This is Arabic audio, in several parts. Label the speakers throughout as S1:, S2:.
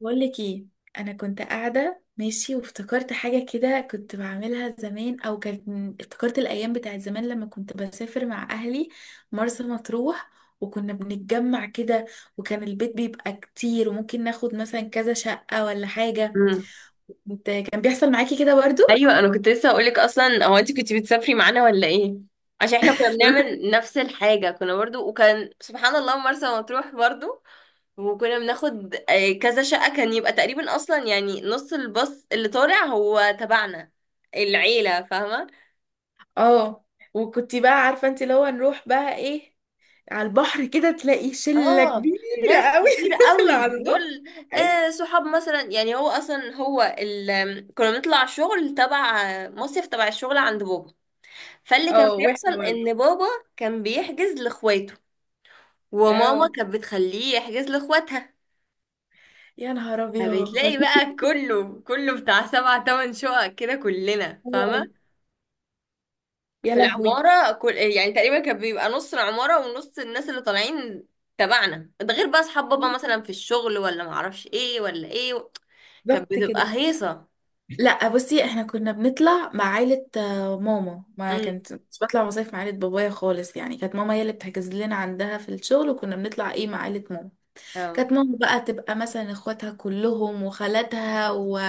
S1: بقول لك ايه. انا كنت قاعده ماشي وافتكرت حاجه كده كنت بعملها زمان، او كانت افتكرت الايام بتاعت زمان لما كنت بسافر مع اهلي مرسى مطروح، وكنا بنتجمع كده، وكان البيت بيبقى كتير وممكن ناخد مثلا كذا شقه ولا حاجه.
S2: مم.
S1: انت كان بيحصل معاكي كده برضو؟
S2: ايوه انا كنت لسه هقولك، اصلا هو انت كنت بتسافري معانا ولا ايه؟ عشان احنا كنا بنعمل نفس الحاجه، كنا برضو، وكان سبحان الله مرسى مطروح برضو. وكنا بناخد كذا شقه، كان يبقى تقريبا اصلا يعني نص الباص اللي طالع هو تبعنا، العيله، فاهمه.
S1: اه. وكنت بقى عارفه انت اللي هو نروح بقى ايه، على البحر كده تلاقي شله
S2: اه،
S1: كبيره
S2: ناس
S1: قوي.
S2: كتير
S1: داخله
S2: قوي
S1: على
S2: دول.
S1: البحر. أيوة.
S2: صحاب مثلا، يعني هو اصلا هو ال... كنا بنطلع شغل تبع مصيف تبع الشغل عند بابا. فاللي كان
S1: اه، واحنا
S2: بيحصل
S1: برضه.
S2: ان بابا كان بيحجز لاخواته، وماما
S1: اه،
S2: كانت بتخليه يحجز لاخواتها.
S1: يا نهار ابيض،
S2: فبتلاقي بقى كله كله بتاع سبع تمن شقق كده، كلنا فاهمة،
S1: يا
S2: في
S1: لهوي،
S2: العمارة. كل، يعني تقريبا، كان بيبقى نص العمارة ونص الناس اللي طالعين تبعنا، ده غير بقى اصحاب بابا مثلا في الشغل ولا معرفش ايه ولا ايه. كانت
S1: ضبط كده.
S2: بتبقى هيصة.
S1: لا بصي، احنا كنا بنطلع مع عيلة، ماما ما
S2: امم
S1: كانت مش بطلع مصايف مع عيلة بابايا خالص، يعني كانت ماما هي اللي بتحجز لنا عندها في الشغل، وكنا بنطلع ايه مع عيلة ماما.
S2: اه،
S1: كانت ماما بقى تبقى مثلا اخواتها كلهم وخالاتها و...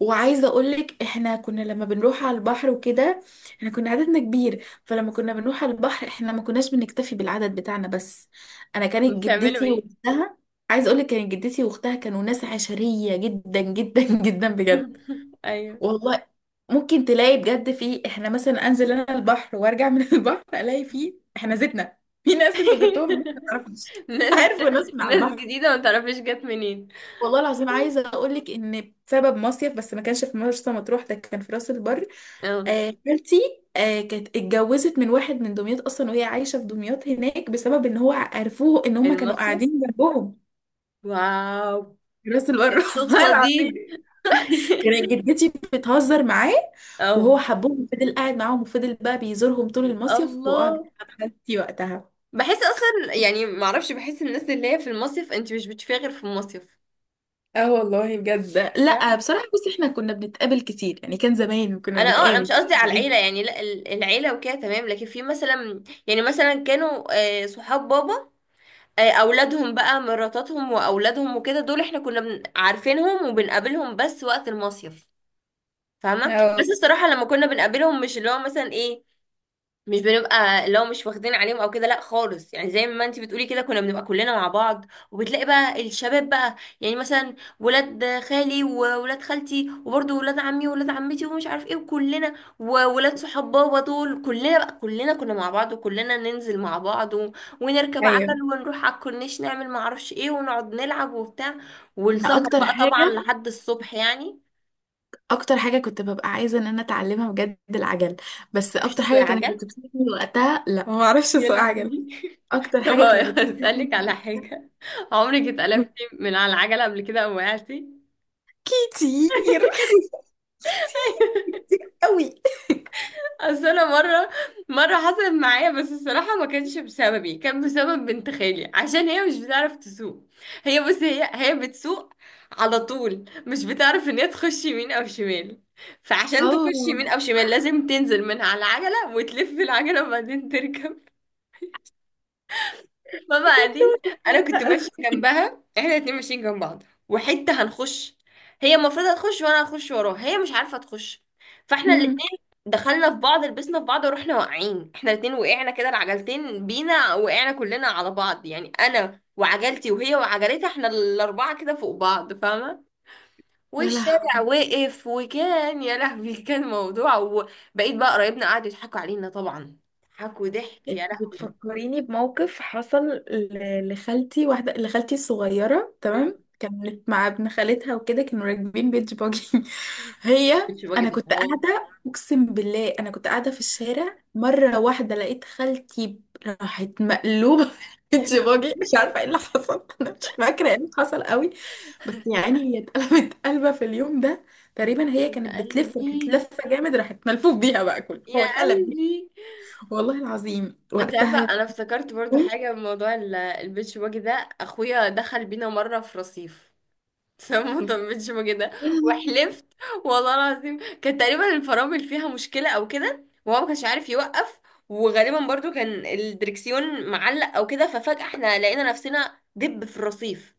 S1: وعايزه اقولك احنا كنا لما بنروح على البحر وكده، احنا كنا عددنا كبير، فلما كنا بنروح على البحر احنا ما كناش بنكتفي بالعدد بتاعنا بس. انا كانت
S2: بتعملوا
S1: جدتي
S2: ايه؟
S1: واختها، عايزه اقولك كانت جدتي واختها كانوا ناس عشريه جدا جدا، جدا بجد.
S2: ايوه.
S1: والله ممكن تلاقي بجد فيه، احنا مثلا انزل انا البحر وارجع من البحر الاقي فيه احنا زيتنا في ناس انتوا جبتوهم من ما تعرفوش،
S2: ناس
S1: عارفوا ناس من على
S2: ناس
S1: البحر.
S2: جديدة ما تعرفيش جت منين.
S1: والله العظيم عايزه اقول لك ان بسبب مصيف، بس ما كانش في مرسى مطروح، ده كان في راس البر.
S2: اه،
S1: خالتي كانت اتجوزت من واحد من دمياط اصلا، وهي عايشه في دمياط هناك بسبب ان هو عرفوه ان هم كانوا
S2: المصيف،
S1: قاعدين جنبهم
S2: واو.
S1: في راس البر.
S2: إيه
S1: والله
S2: الصدفة
S1: العظيم
S2: دي؟
S1: كانت جدتي بتهزر معاه، وهو
S2: اه،
S1: حبهم وفضل قاعد معاهم، وفضل بقى بيزورهم طول المصيف، وقعد
S2: الله.
S1: مع خالتي وقتها.
S2: بحس اصلا يعني معرفش، بحس الناس اللي هي في المصيف انت مش بتشوفيها غير في المصيف،
S1: اه والله بجد، لا
S2: فاهم.
S1: بصراحه بس احنا كنا بنتقابل كتير، يعني كان زمان كنا
S2: انا مش
S1: بنتقابل.
S2: قصدي على العيله يعني، لا العيله وكده تمام، لكن في مثلا، يعني مثلا كانوا صحاب بابا، اولادهم بقى، مراتاتهم واولادهم وكده، دول احنا كنا عارفينهم وبنقابلهم بس وقت المصيف، فاهمه.
S1: اه،
S2: بس الصراحه لما كنا بنقابلهم مش اللي هو مثلا ايه، مش بنبقى لو مش واخدين عليهم او كده، لا خالص. يعني زي ما انت بتقولي كده، كنا بنبقى كلنا مع بعض، وبتلاقي بقى الشباب بقى، يعني مثلا ولاد خالي وولاد خالتي وبرضه ولاد عمي وولاد عمتي ومش عارف ايه، وكلنا، وولاد صحاب بابا دول، كلنا بقى، كلنا كنا مع بعض، وكلنا ننزل مع بعض ونركب
S1: ايوه.
S2: عجل ونروح على الكورنيش، نعمل معرفش ايه ونقعد نلعب وبتاع،
S1: انا
S2: والسهر
S1: اكتر
S2: بقى طبعا
S1: حاجه
S2: لحد الصبح يعني.
S1: اكتر حاجه كنت ببقى عايزه ان انا اتعلمها بجد، العجل. بس
S2: مفيش
S1: اكتر
S2: سوق
S1: حاجه كانت
S2: عجل،
S1: بتبسطني وقتها، لا ما اعرفش
S2: يا
S1: اسوق عجل.
S2: لهوي.
S1: اكتر
S2: طب
S1: حاجه كانت بتبسطني
S2: هسألك على
S1: وقتها.
S2: حاجة، عمرك اتقلبتي من على العجلة قبل كده او وقعتي؟
S1: كتير، كتير كتير قوي.
S2: اصل انا مرة حصلت معايا، بس الصراحة ما كانش بسببي، كان بسبب بنت خالي عشان هي مش بتعرف تسوق. هي بس هي هي بتسوق على طول، مش بتعرف ان هي تخش يمين او شمال. فعشان
S1: اه
S2: تخش يمين او شمال لازم تنزل من على العجلة وتلف العجلة وبعدين تركب. ماما
S1: بجد.
S2: قاعدين، انا كنت
S1: وأنا
S2: ماشيه جنبها، احنا الاتنين ماشيين جنب بعض، وحته هنخش. هي المفروض هتخش وانا هخش وراها، هي مش عارفه تخش، فاحنا
S1: صغيرة.
S2: الاتنين دخلنا في بعض، لبسنا في بعض ورحنا واقعين، احنا الاتنين وقعنا كده، العجلتين بينا، وقعنا كلنا على بعض، يعني انا وعجلتي وهي وعجلتها، احنا الاربعه كده فوق بعض، فاهمه؟
S1: يلا.
S2: والشارع واقف، وكان يا لهوي كان موضوع. وبقيت بقى قرايبنا قعدوا يضحكوا علينا طبعا، ضحكوا ضحك وضحك، يا
S1: انت
S2: لهوي.
S1: بتفكريني بموقف حصل لخالتي، واحدة لخالتي الصغيرة تمام، كانت مع ابن خالتها وكده، كانوا راكبين بيتش باجي. هي،
S2: كنتش باجي
S1: انا
S2: ده
S1: كنت
S2: حوار.
S1: قاعدة، اقسم بالله انا كنت قاعدة في الشارع مرة واحدة، لقيت خالتي راحت مقلوبة
S2: يا
S1: بيتش باجي، مش
S2: لهوي،
S1: عارفة ايه اللي حصل، انا مش فاكرة ايه اللي حصل قوي، بس يعني هي اتقلبت قلبة في اليوم ده.
S2: يا
S1: تقريبا هي كانت بتلف، راحت
S2: قلبي،
S1: لفة جامد، راحت ملفوف بيها بقى كله هو
S2: يا
S1: اتقلب.
S2: قلبي.
S1: والله العظيم
S2: انت عارفه
S1: وقتها، يا
S2: انا افتكرت برضو
S1: بوم،
S2: حاجه من موضوع البيتش باجي ده، اخويا دخل بينا مره في رصيف بسبب موضوع البيتش باجي ده.
S1: يا لهوي،
S2: وحلفت، والله العظيم كان تقريبا الفرامل فيها مشكله او كده، وهو ما كانش عارف يوقف، وغالبا برضو كان الدركسيون معلق او كده، ففجاه احنا لقينا نفسنا دب في الرصيف،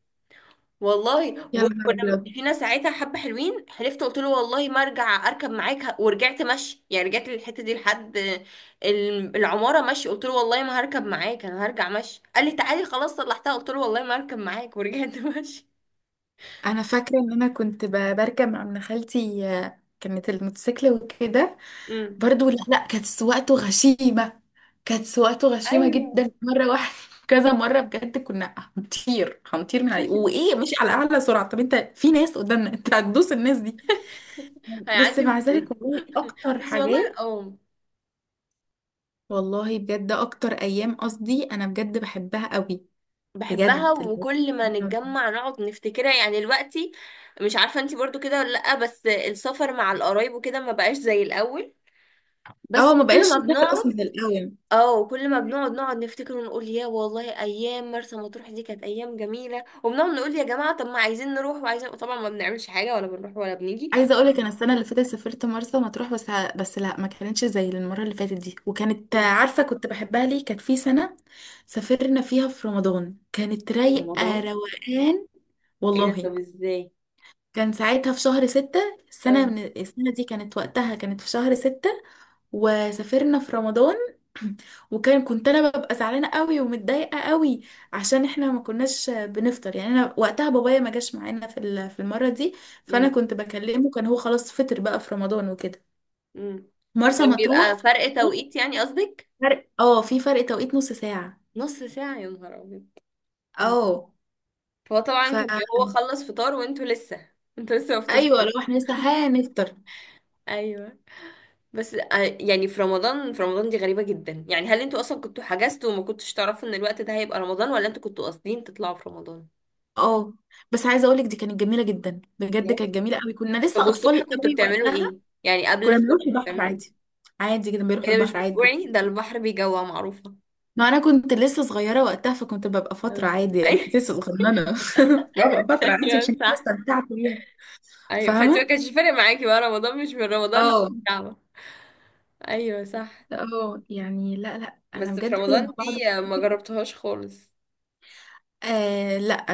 S2: والله.
S1: يا نهار
S2: وكنا
S1: أبيض.
S2: فينا ساعتها حبة حلوين، حلفت قلت له والله ما ارجع اركب معاك، ورجعت مشي يعني، رجعت للحتة دي لحد العمارة مشي. قلت له والله ما هركب معاك، انا هرجع مشي. قال لي تعالي خلاص صلحتها، قلت له والله ما هركب معاك، ورجعت مشي.
S1: أنا فاكرة إن أنا كنت بركب مع ابن خالتي، كانت الموتوسيكل وكده.
S2: امم
S1: برضو لا لا، كانت سواقته غشيمة. كانت سواقته غشيمة
S2: ايوه.
S1: جدا. مرة واحدة، كذا مرة بجد، كنا هنطير هنطير من عليه، وإيه مش على أعلى سرعة، طب أنت في ناس قدامنا، أنت هتدوس الناس دي. بس
S2: هيعدي
S1: مع
S2: من فوقي.
S1: ذلك، والله أكتر
S2: بس والله
S1: حاجات،
S2: اه.
S1: والله بجد أكتر أيام، قصدي أنا بجد بحبها قوي.
S2: بحبها،
S1: بجد اللي
S2: وكل ما
S1: هو،
S2: نتجمع نقعد نفتكرها يعني دلوقتي. مش عارفة انتي برضو كده ولا لأ، بس السفر مع القرايب وكده ما بقاش زي الأول. بس
S1: اه ما
S2: كل
S1: بقاش
S2: ما
S1: نسافر اصلا
S2: بنقعد
S1: زي الاول.
S2: اه كل ما بنقعد نقعد نفتكر ونقول، يا والله ايام مرسى مطروح دي كانت ايام جميله، وبنقعد نقول يا جماعه طب ما عايزين نروح، وعايزين طبعا ما بنعملش حاجه، ولا بنروح ولا بنيجي.
S1: عايزه اقول لك انا السنه اللي فاتت سافرت مرسى مطروح بس، بس لا ما كانتش زي المره اللي فاتت دي، وكانت
S2: مم.
S1: عارفه كنت بحبها ليه، كانت في سنه سافرنا فيها في رمضان، كانت رايقه
S2: رمضان؟
S1: روقان.
S2: ايه ده،
S1: والله
S2: طب ازاي؟
S1: كان ساعتها في شهر 6، السنة
S2: اه،
S1: من السنة دي كانت وقتها كانت في شهر 6، وسافرنا في رمضان. وكان كنت انا ببقى زعلانه قوي ومتضايقه قوي، عشان احنا ما كناش بنفطر، يعني انا وقتها بابايا ما جاش معانا في المره دي. فانا
S2: امم
S1: كنت بكلمه، كان هو خلاص فطر بقى في رمضان وكده.
S2: امم
S1: مرسى
S2: كان
S1: مطروح
S2: بيبقى
S1: في
S2: فرق
S1: رمضان
S2: توقيت يعني قصدك؟
S1: فرق، في فرق توقيت نص ساعه.
S2: نص ساعه، يا نهار ابيض. أمم.
S1: اه،
S2: فهو طبعا كان
S1: فا،
S2: بيبقى هو خلص فطار وانتوا لسه انتوا لسه ما
S1: ايوه
S2: فطرتوش.
S1: لو احنا لسه هنفطر.
S2: ايوه. بس يعني في رمضان دي غريبة جدا يعني، هل انتوا اصلا كنتوا حجزتوا وما كنتوش تعرفوا ان الوقت ده هيبقى رمضان، ولا انتوا كنتوا قاصدين تطلعوا في رمضان؟
S1: اه، بس عايزه اقولك دي كانت جميله جدا، بجد
S2: بجد؟
S1: كانت جميله قوي، كنا
S2: طب
S1: لسه
S2: والصبح
S1: اطفال
S2: كنتوا
S1: قوي
S2: بتعملوا
S1: وقتها.
S2: ايه؟ يعني قبل
S1: كنا
S2: الفطار
S1: بنروح
S2: كنتوا
S1: البحر
S2: بتعملوا ايه؟
S1: عادي، عادي كنا بنروح
S2: ايه ده، مش
S1: البحر عادي.
S2: بتجوعي؟ ده البحر بيجوع، معروفة.
S1: ما انا كنت لسه صغيره وقتها، فكنت ببقى فتره
S2: آه.
S1: عادي، يعني كنت
S2: أي-
S1: لسه صغننه، ببقى فتره عادي
S2: ايوه
S1: عشان كده
S2: صح.
S1: استمتعت بيها.
S2: ايوه، فانت ما
S1: فاهمه،
S2: كانش فارق معاكي بقى رمضان مش من رمضان
S1: اه.
S2: للكعبة. ايوه صح.
S1: اه، يعني لا لا
S2: بس
S1: انا
S2: في
S1: بجد لما
S2: رمضان
S1: بقعد
S2: دي ما
S1: افتكر.
S2: جربتهاش خالص.
S1: آه لا.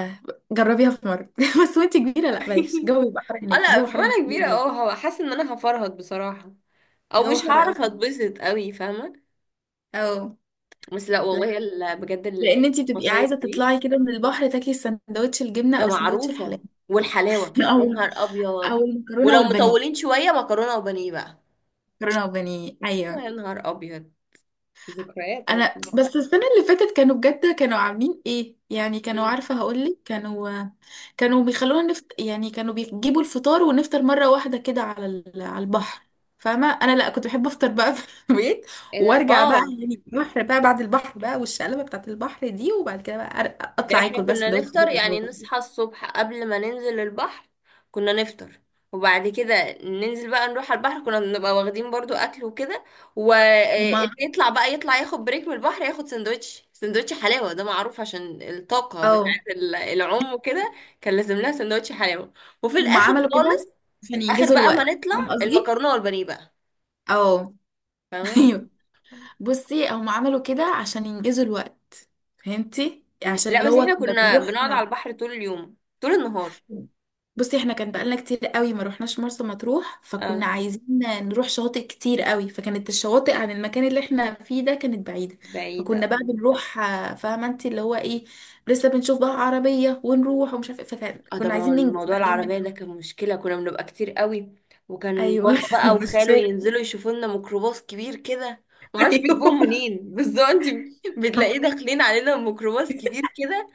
S1: جربيها في مره، بس وانت كبيره لا بلاش، الجو بيبقى حر
S2: اه
S1: هناك،
S2: لا،
S1: الجو
S2: في
S1: حر
S2: وانا كبيرة،
S1: هناك.
S2: اه هو حاسة ان انا هفرهد بصراحة، او
S1: الجو
S2: مش
S1: حر قوي.
S2: هعرف اتبسط قوي، فاهمة؟
S1: اه.
S2: بس لا والله بجد
S1: لان انتي بتبقي
S2: المصايف
S1: عايزه
S2: دي،
S1: تطلعي كده من البحر تاكلي سندوتش الجبنه
S2: ده
S1: او سندوتش
S2: معروفة.
S1: الحلاوه،
S2: والحلاوة
S1: او
S2: يا نهار ابيض.
S1: او المكرونه
S2: ولو
S1: والبانيه.
S2: مطولين شوية، مكرونة وبانيه بقى.
S1: مكرونه وبانيه، ايوه.
S2: يا نهار ابيض، ذكريات
S1: انا
S2: والله.
S1: بس السنه اللي فاتت كانوا بجد كانوا عاملين ايه، يعني كانوا،
S2: مم.
S1: عارفه هقول لك، كانوا كانوا بيخلونا نفت، يعني كانوا بيجيبوا الفطار، ونفطر مره واحده كده على على البحر. فاهمه انا لا كنت بحب افطر بقى في البيت،
S2: ايه ده،
S1: وارجع بقى،
S2: اه.
S1: يعني البحر بقى، بعد البحر بقى والشقلبه بتاعت البحر دي وبعد كده بقى
S2: ده
S1: اطلع
S2: احنا
S1: اكل بس
S2: كنا
S1: سندوتش
S2: نفطر يعني،
S1: جبنه.
S2: نصحى الصبح قبل ما ننزل البحر كنا نفطر، وبعد كده ننزل بقى نروح على البحر، كنا بنبقى واخدين برضو اكل وكده.
S1: هما،
S2: واللي يطلع بقى يطلع ياخد بريك من البحر، ياخد سندوتش، سندوتش حلاوة ده معروف، عشان الطاقة
S1: اه
S2: بتاعت العوم وكده. كان لازم لها سندوتش حلاوة. وفي
S1: هم
S2: الاخر
S1: عملوا كده
S2: خالص،
S1: عشان
S2: اخر
S1: ينجزوا
S2: بقى ما
S1: الوقت،
S2: نطلع،
S1: فاهم قصدي؟
S2: المكرونة والبانيه بقى،
S1: اه،
S2: فاهمة؟
S1: ايوه. بصي هم عملوا كده عشان ينجزوا الوقت، فهمتي؟ عشان
S2: لا
S1: اللي
S2: بس
S1: هو
S2: احنا
S1: كنا
S2: كنا
S1: بنروح.
S2: بنقعد على البحر طول اليوم، طول النهار.
S1: بصي، احنا كان بقالنا كتير قوي ما روحناش مرسى مطروح، فكنا
S2: اه،
S1: عايزين نروح شواطئ كتير قوي، فكانت الشواطئ عن المكان اللي احنا فيه ده كانت بعيدة. فكنا
S2: بعيدة.
S1: بقى بنروح، فاهمة انت اللي هو ايه، لسه بنشوف بقى عربية ونروح ومش عارفة ايه،
S2: اه، ده
S1: فكنا
S2: ما هو
S1: عايزين ننجز
S2: الموضوع
S1: بقى اليوم من
S2: العربية ده كان
S1: قبل.
S2: مشكلة، كنا بنبقى كتير قوي. وكان
S1: ايوه،
S2: بابا بقى
S1: مش
S2: وخاله
S1: فاكرة.
S2: ينزلوا يشوفوا لنا ميكروباص كبير كده، معرفش
S1: ايوه.
S2: بيجيبوهم منين. بس ده انت بتلاقيه داخلين علينا ميكروباص كبير كده.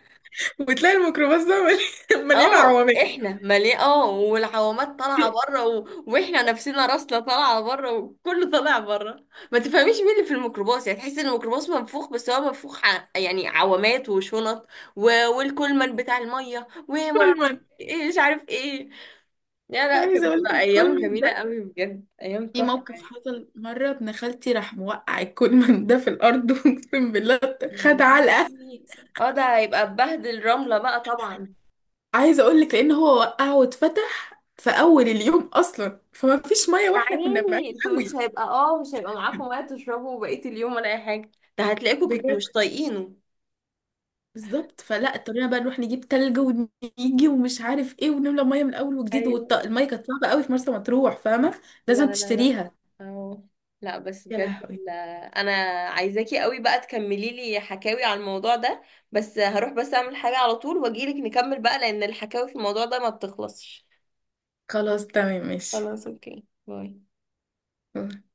S1: وتلاقي الميكروباص ده مليان
S2: اه
S1: عوامل.
S2: احنا مليان، اه، والعوامات طالعة بره واحنا نفسنا راسنا طالعة بره، وكله طالع بره، ما تفهميش مين اللي في الميكروباص يعني، تحس ان الميكروباص منفوخ، بس هو منفوخ يعني عوامات وشنط و... والكولمان بتاع المية وما اعرف
S1: كولمان.
S2: ايه، مش عارف ايه. لا لا، كانت
S1: عايزه اقول لك
S2: بتبقى ايام
S1: الكولمان
S2: جميله
S1: ده،
S2: قوي بجد، ايام
S1: في
S2: تحفه
S1: موقف
S2: يعني.
S1: حصل مره ابن خالتي راح موقع الكولمان ده في الارض، اقسم بالله. خد
S2: يعني
S1: علقه.
S2: اه، ده هيبقى ببهدل رمله بقى طبعا.
S1: عايزه اقول لك لان هو وقعه واتفتح في اول اليوم اصلا، فما فيش ميه
S2: يا
S1: واحنا كنا بعيد
S2: عيني انتوا، مش
S1: قوي.
S2: هيبقى اه مش هيبقى معاكم وقت تشربوا بقيه اليوم ولا اي حاجه، ده هتلاقيكوا كنتوا
S1: بجد.
S2: مش طايقينه.
S1: بالظبط، فلا اضطرينا بقى نروح نجيب تلج ونيجي ومش عارف ايه ونملى ميه من اول وجديد،
S2: ايوه،
S1: والميه كانت صعبه قوي في مرسى مطروح، فاهمه، لازم
S2: لا لا لا.
S1: تشتريها.
S2: اه لا، بس
S1: يا
S2: بجد
S1: لهوي.
S2: لا. انا عايزاكي قوي بقى تكملي لي حكاوي على الموضوع ده، بس هروح بس اعمل حاجه على طول واجيلك نكمل بقى، لان الحكاوي في الموضوع ده ما بتخلصش.
S1: خلاص تمام، ماشي.
S2: خلاص اوكي، باي.